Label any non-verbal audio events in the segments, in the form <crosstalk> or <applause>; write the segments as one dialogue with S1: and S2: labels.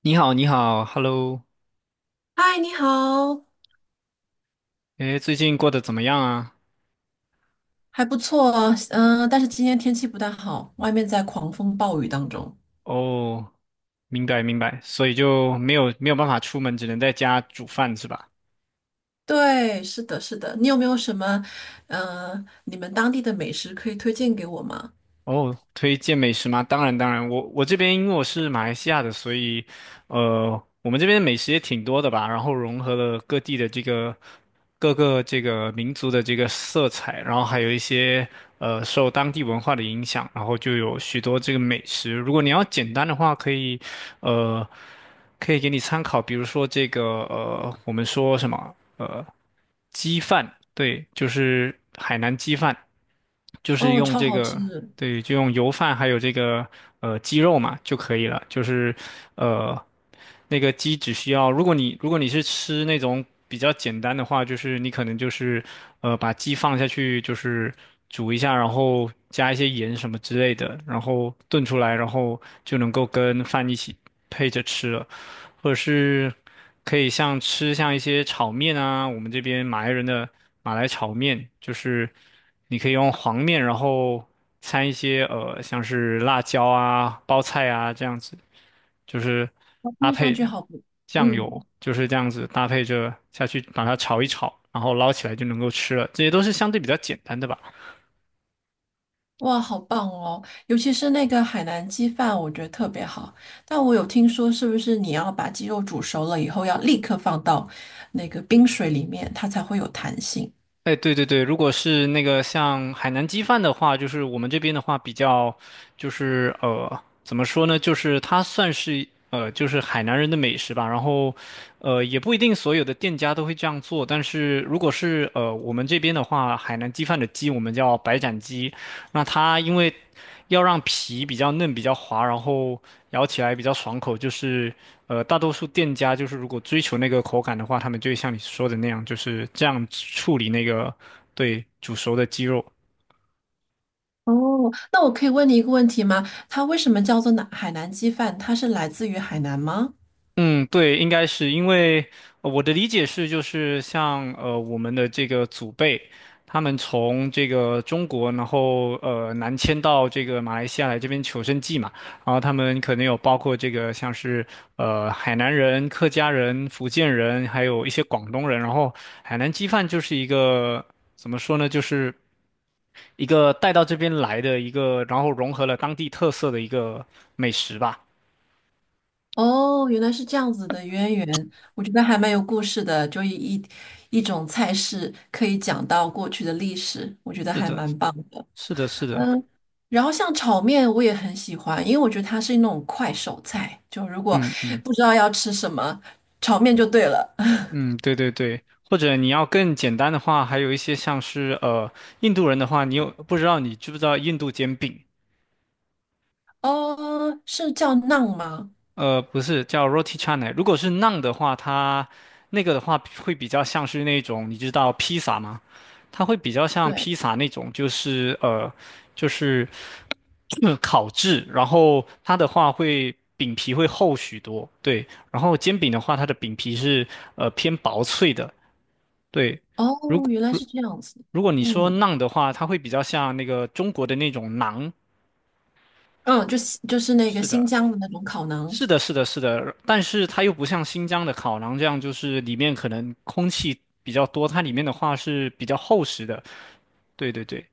S1: 你好，你好，Hello，
S2: 嗨，你好。
S1: 诶，最近过得怎么样啊？
S2: 还不错。但是今天天气不太好，外面在狂风暴雨当中。
S1: 哦，明白明白，所以就没有办法出门，只能在家煮饭是吧？
S2: 对，是的，是的。你有没有什么，你们当地的美食可以推荐给我吗？
S1: 哦，推荐美食吗？当然，当然，我这边因为我是马来西亚的，所以，我们这边美食也挺多的吧，然后融合了各地的这个各个这个民族的这个色彩，然后还有一些受当地文化的影响，然后就有许多这个美食。如果你要简单的话，可以，呃，可以给你参考，比如说这个我们说什么鸡饭，对，就是海南鸡饭。就是
S2: 哦，
S1: 用
S2: 超
S1: 这
S2: 好吃。
S1: 个，对，就用油饭还有这个鸡肉嘛就可以了。就是呃那个鸡只需要，如果你是吃那种比较简单的话，就是你可能就是把鸡放下去，就是煮一下，然后加一些盐什么之类的，然后炖出来，然后就能够跟饭一起配着吃了。或者是可以像吃像一些炒面啊，我们这边马来人的马来炒面，就是你可以用黄面，然后掺一些像是辣椒啊、包菜啊这样子，就是
S2: 哦
S1: 搭
S2: 听上去
S1: 配
S2: 好不。
S1: 酱油，
S2: 嗯，
S1: 就是这样子搭配着下去把它炒一炒，然后捞起来就能够吃了。这些都是相对比较简单的吧。
S2: 哇，好棒哦，尤其是那个海南鸡饭，我觉得特别好。但我有听说，是不是你要把鸡肉煮熟了以后，要立刻放到那个冰水里面，它才会有弹性？
S1: 哎，对对对，如果是那个像海南鸡饭的话，就是我们这边的话比较，就是怎么说呢？就是它算是就是海南人的美食吧。然后，也不一定所有的店家都会这样做，但是如果是我们这边的话，海南鸡饭的鸡我们叫白斩鸡，那它因为要让皮比较嫩、比较滑，然后咬起来比较爽口，就是大多数店家就是如果追求那个口感的话，他们就会像你说的那样，就是这样处理那个对煮熟的鸡肉。
S2: 哦，那我可以问你一个问题吗？它为什么叫做南海南鸡饭？它是来自于海南吗？
S1: 嗯，对，应该是因为我的理解是，就是像我们的这个祖辈，他们从这个中国，然后南迁到这个马来西亚来这边求生计嘛，然后他们可能有包括这个像是海南人、客家人、福建人，还有一些广东人，然后海南鸡饭就是一个怎么说呢，就是一个带到这边来的一个，然后融合了当地特色的一个美食吧。
S2: 哦，原来是这样子的渊源，我觉得还蛮有故事的，就一种菜式可以讲到过去的历史，我觉得
S1: 是
S2: 还
S1: 的，
S2: 蛮棒的。
S1: 是的，是的，
S2: 嗯，然后像炒面我也很喜欢，因为我觉得它是那种快手菜，就如果
S1: 嗯嗯。
S2: 不知道要吃什么，炒面就对了。<laughs>
S1: 嗯，对对对，或者你要更简单的话，还有一些像是印度人的话，你知不知道印度煎饼？
S2: 哦，是叫馕吗？
S1: 不是叫 roti c h a n a 如果是 naan 的话，它那个的话会比较像是那种你知道披萨吗？它会比较像
S2: 对。
S1: 披萨那种，就是就是烤制，然后它的话会饼皮会厚许多，对，然后煎饼的话，它的饼皮是偏薄脆的，对。如
S2: 哦，
S1: 果。
S2: 原来是这样子。
S1: 如果你说
S2: 嗯。
S1: 馕的话，它会比较像那个中国的那种馕。
S2: 嗯，就是那个
S1: 是
S2: 新
S1: 的，
S2: 疆的那种烤馕。
S1: 是的，是的，是的。但是它又不像新疆的烤馕这样，就是里面可能空气比较多，它里面的话是比较厚实的。对对对，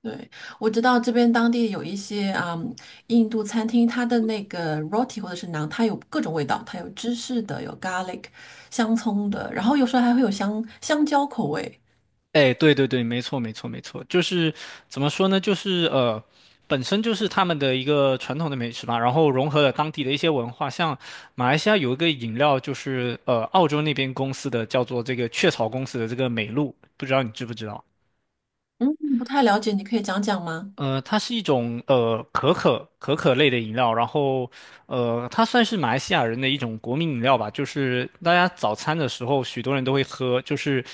S2: 对，我知道这边当地有一些啊、嗯印度餐厅，它的那个 roti 或者是馕，它有各种味道，它有芝士的，有 garlic 香葱的，然后有时候还会有香蕉口味。
S1: 哎，对对对，没错没错没错，就是怎么说呢？就是本身就是他们的一个传统的美食吧，然后融合了当地的一些文化，像马来西亚有一个饮料，就是澳洲那边公司的叫做这个雀巢公司的这个美露，不知道你知不知道？
S2: 嗯，不太了解，你可以讲讲吗？
S1: 它是一种可可类的饮料，然后它算是马来西亚人的一种国民饮料吧，就是大家早餐的时候许多人都会喝，就是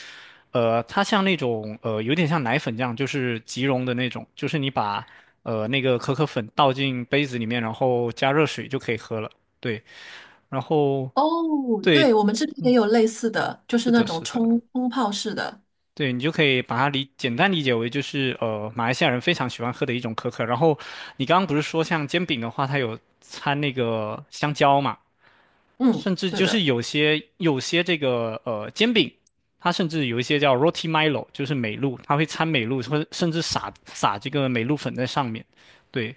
S1: 它像那种有点像奶粉这样，就是即溶的那种，就是你把那个可可粉倒进杯子里面，然后加热水就可以喝了，对，然后
S2: 哦，
S1: 对，
S2: 对，我们这边也
S1: 嗯，
S2: 有类似的，就
S1: 是
S2: 是那
S1: 的，
S2: 种
S1: 是
S2: 冲
S1: 的。
S2: 冲泡式的。
S1: 对，你就可以把它简单理解为就是马来西亚人非常喜欢喝的一种可可。然后你刚刚不是说像煎饼的话，它有掺那个香蕉嘛，
S2: 嗯，
S1: 甚至
S2: 对
S1: 就
S2: 的。
S1: 是有些这个煎饼，它甚至有一些叫 Roti Milo，就是美露，它会掺美露，或者甚至撒这个美露粉在上面。对，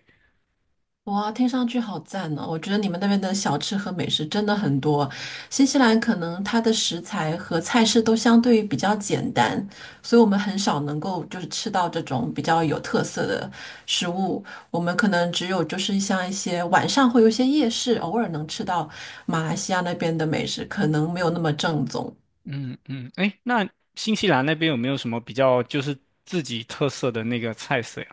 S2: 哇，听上去好赞哦！我觉得你们那边的小吃和美食真的很多。新西兰可能它的食材和菜式都相对于比较简单，所以我们很少能够就是吃到这种比较有特色的食物。我们可能只有就是像一些晚上会有一些夜市，偶尔能吃到马来西亚那边的美食，可能没有那么正宗。
S1: 嗯嗯，哎，那新西兰那边有没有什么比较就是自己特色的那个菜色呀？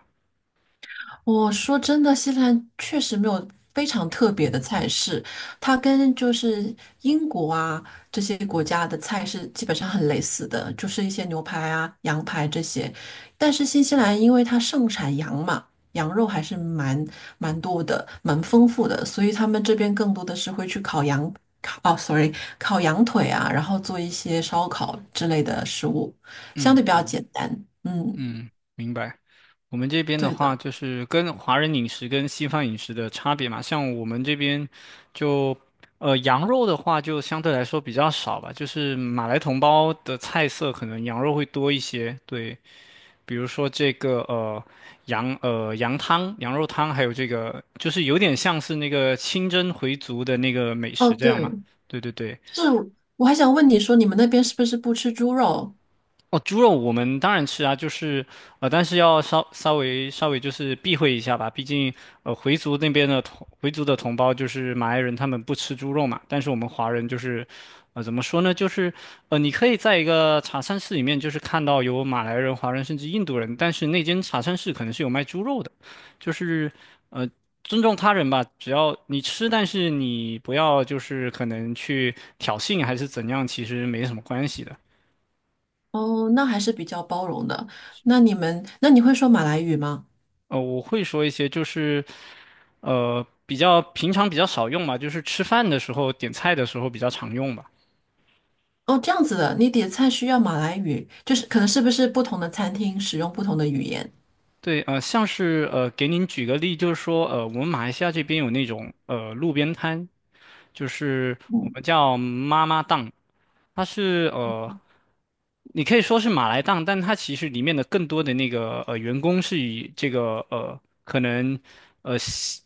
S2: 我说真的，新西兰确实没有非常特别的菜式，它跟就是英国啊这些国家的菜是基本上很类似的，就是一些牛排啊、羊排这些。但是新西兰因为它盛产羊嘛，羊肉还是蛮多的，蛮丰富的，所以他们这边更多的是会去烤羊，烤，哦，sorry,烤羊腿啊，然后做一些烧烤之类的食物，相对比较
S1: 嗯。
S2: 简单。嗯，
S1: 嗯，明白。我们这边的
S2: 对
S1: 话，
S2: 的。
S1: 就是跟华人饮食跟西方饮食的差别嘛。像我们这边就，羊肉的话就相对来说比较少吧。就是马来同胞的菜色，可能羊肉会多一些。对，比如说这个羊汤、羊肉汤，还有这个就是有点像是那个清真回族的那个美
S2: 哦，
S1: 食这样嘛。
S2: 对。
S1: 对对对。
S2: 是，我还想问你说，你们那边是不是不吃猪肉？
S1: 哦，猪肉我们当然吃啊，就是但是要稍微就是避讳一下吧，毕竟回族的同胞就是马来人，他们不吃猪肉嘛，但是我们华人就是，怎么说呢，就是你可以在一个茶餐室里面就是看到有马来人、华人甚至印度人，但是那间茶餐室可能是有卖猪肉的，就是呃。尊重他人吧，只要你吃，但是你不要就是可能去挑衅还是怎样，其实没什么关系的。
S2: 哦，那还是比较包容的。那你们，那你会说马来语吗？
S1: 我会说一些，就是比较平常比较少用吧，就是吃饭的时候点菜的时候比较常用吧。
S2: 哦，这样子的，你点菜需要马来语，就是可能是不是不同的餐厅使用不同的语言？
S1: 对，像是给您举个例，就是说，我们马来西亚这边有那种路边摊，就是我
S2: 嗯，
S1: 们叫妈妈档，它是你可以说是马来档，但它其实里面的更多的那个员工是以这个可能。呃。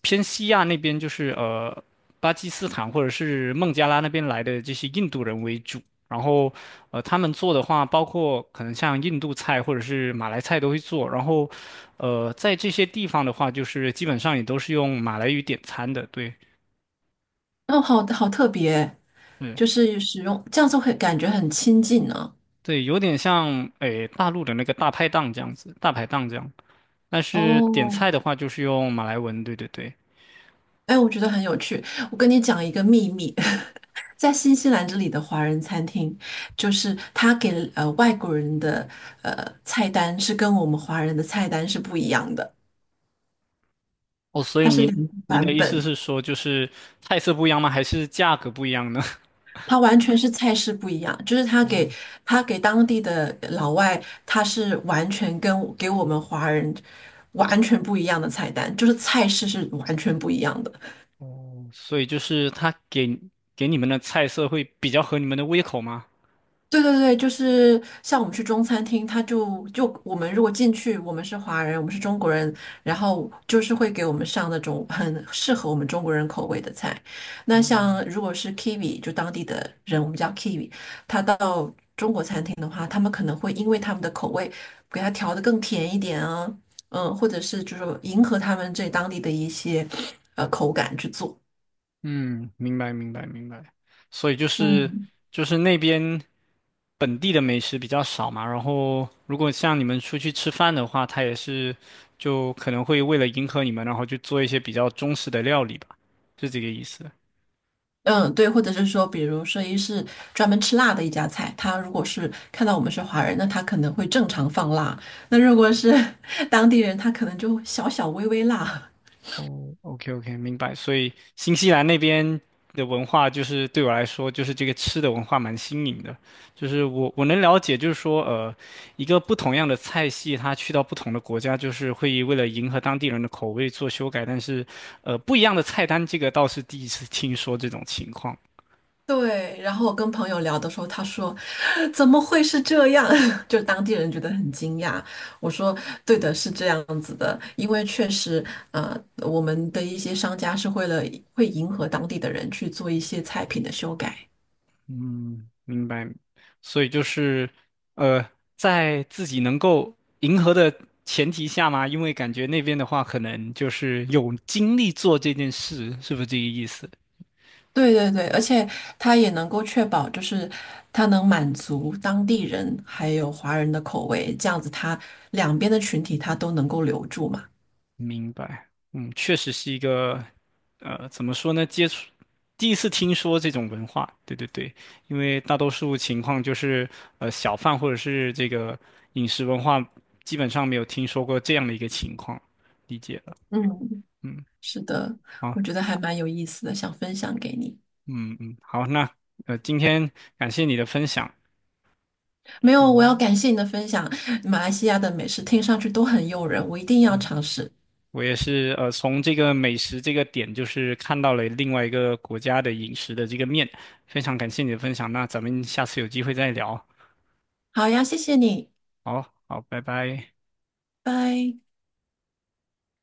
S1: 偏西亚那边就是巴基斯坦或者是孟加拉那边来的这些印度人为主，然后他们做的话，包括可能像印度菜或者是马来菜都会做，然后在这些地方的话，就是基本上也都是用马来语点餐的，对，
S2: 哦，好好特别，
S1: 嗯，
S2: 就是使用这样子会感觉很亲近呢。
S1: 对，有点像诶大陆的那个大排档这样子，大排档这样，但是点
S2: 哦，
S1: 菜的话就是用马来文，对对对，
S2: 哎，我觉得很有趣。我跟你讲一个秘密，<laughs> 在新西兰这里的华人餐厅，就是他给外国人的菜单是跟我们华人的菜单是不一样的，
S1: 哦，所以
S2: 它是两
S1: 您
S2: 个
S1: 您的
S2: 版
S1: 意思
S2: 本，
S1: 是说就是菜色不一样吗？还是价格不一样呢？
S2: 它完全是菜式不一样。就是他给当地的老外，他是完全跟给我们华人完全不一样的菜单，就是菜式是完全不一样的。
S1: 所以就是给你们的菜色会比较合你们的胃口吗？
S2: 对对对，就是像我们去中餐厅，他就就我们如果进去，我们是华人，我们是中国人，然后就是会给我们上那种很适合我们中国人口味的菜。那像如果是 Kiwi,就当地的人，我们叫 Kiwi,他到中国餐厅的话，他们可能会因为他们的口味，给他调的更甜一点啊，嗯，或者是就是迎合他们这当地的一些口感去做。
S1: 嗯，明白明白明白。所以就是
S2: 嗯。
S1: 就是那边本地的美食比较少嘛，然后如果像你们出去吃饭的话，他也是就可能会为了迎合你们，然后去做一些比较中式的料理吧，是这个意思。
S2: 嗯，对，或者是说，比如说，一是专门吃辣的一家菜，他如果是看到我们是华人，那他可能会正常放辣；那如果是 <laughs> 当地人，他可能就微微辣。
S1: 哦，OK OK，明白。所以新西兰那边的文化，就是对我来说，就是这个吃的文化蛮新颖的。就是我能了解，就是说，一个不同样的菜系，它去到不同的国家，就是会为了迎合当地人的口味做修改。但是，不一样的菜单，这个倒是第一次听说这种情况。
S2: 对，然后我跟朋友聊的时候，他说怎么会是这样？<laughs> 就当地人觉得很惊讶。我说对的，是这样子的，因为确实，我们的一些商家是为了会迎合当地的人去做一些菜品的修改。
S1: 嗯，明白。所以就是，呃，在自己能够迎合的前提下嘛，因为感觉那边的话，可能就是有精力做这件事，是不是这个意思？
S2: 对对对，而且它也能够确保，就是它能满足当地人还有华人的口味，这样子它两边的群体它都能够留住嘛。
S1: 明白。嗯，确实是一个，怎么说呢？第一次听说这种文化，对对对，因为大多数情况就是，小贩或者是这个饮食文化，基本上没有听说过这样的一个情况，理解了。
S2: 嗯，
S1: 嗯。
S2: 是的，
S1: 好。
S2: 我觉得还蛮有意思的，想分享给你。
S1: 嗯嗯，好，那今天感谢你的分享，
S2: 没
S1: 是，
S2: 有，我要感谢你的分享，马来西亚的美食听上去都很诱人，我一定要
S1: 嗯，
S2: 尝试。
S1: 我也是从这个美食这个点，就是看到了另外一个国家的饮食的这个面，非常感谢你的分享，那咱们下次有机会再聊，
S2: 好呀，谢谢你，
S1: 好好，拜拜。
S2: 拜。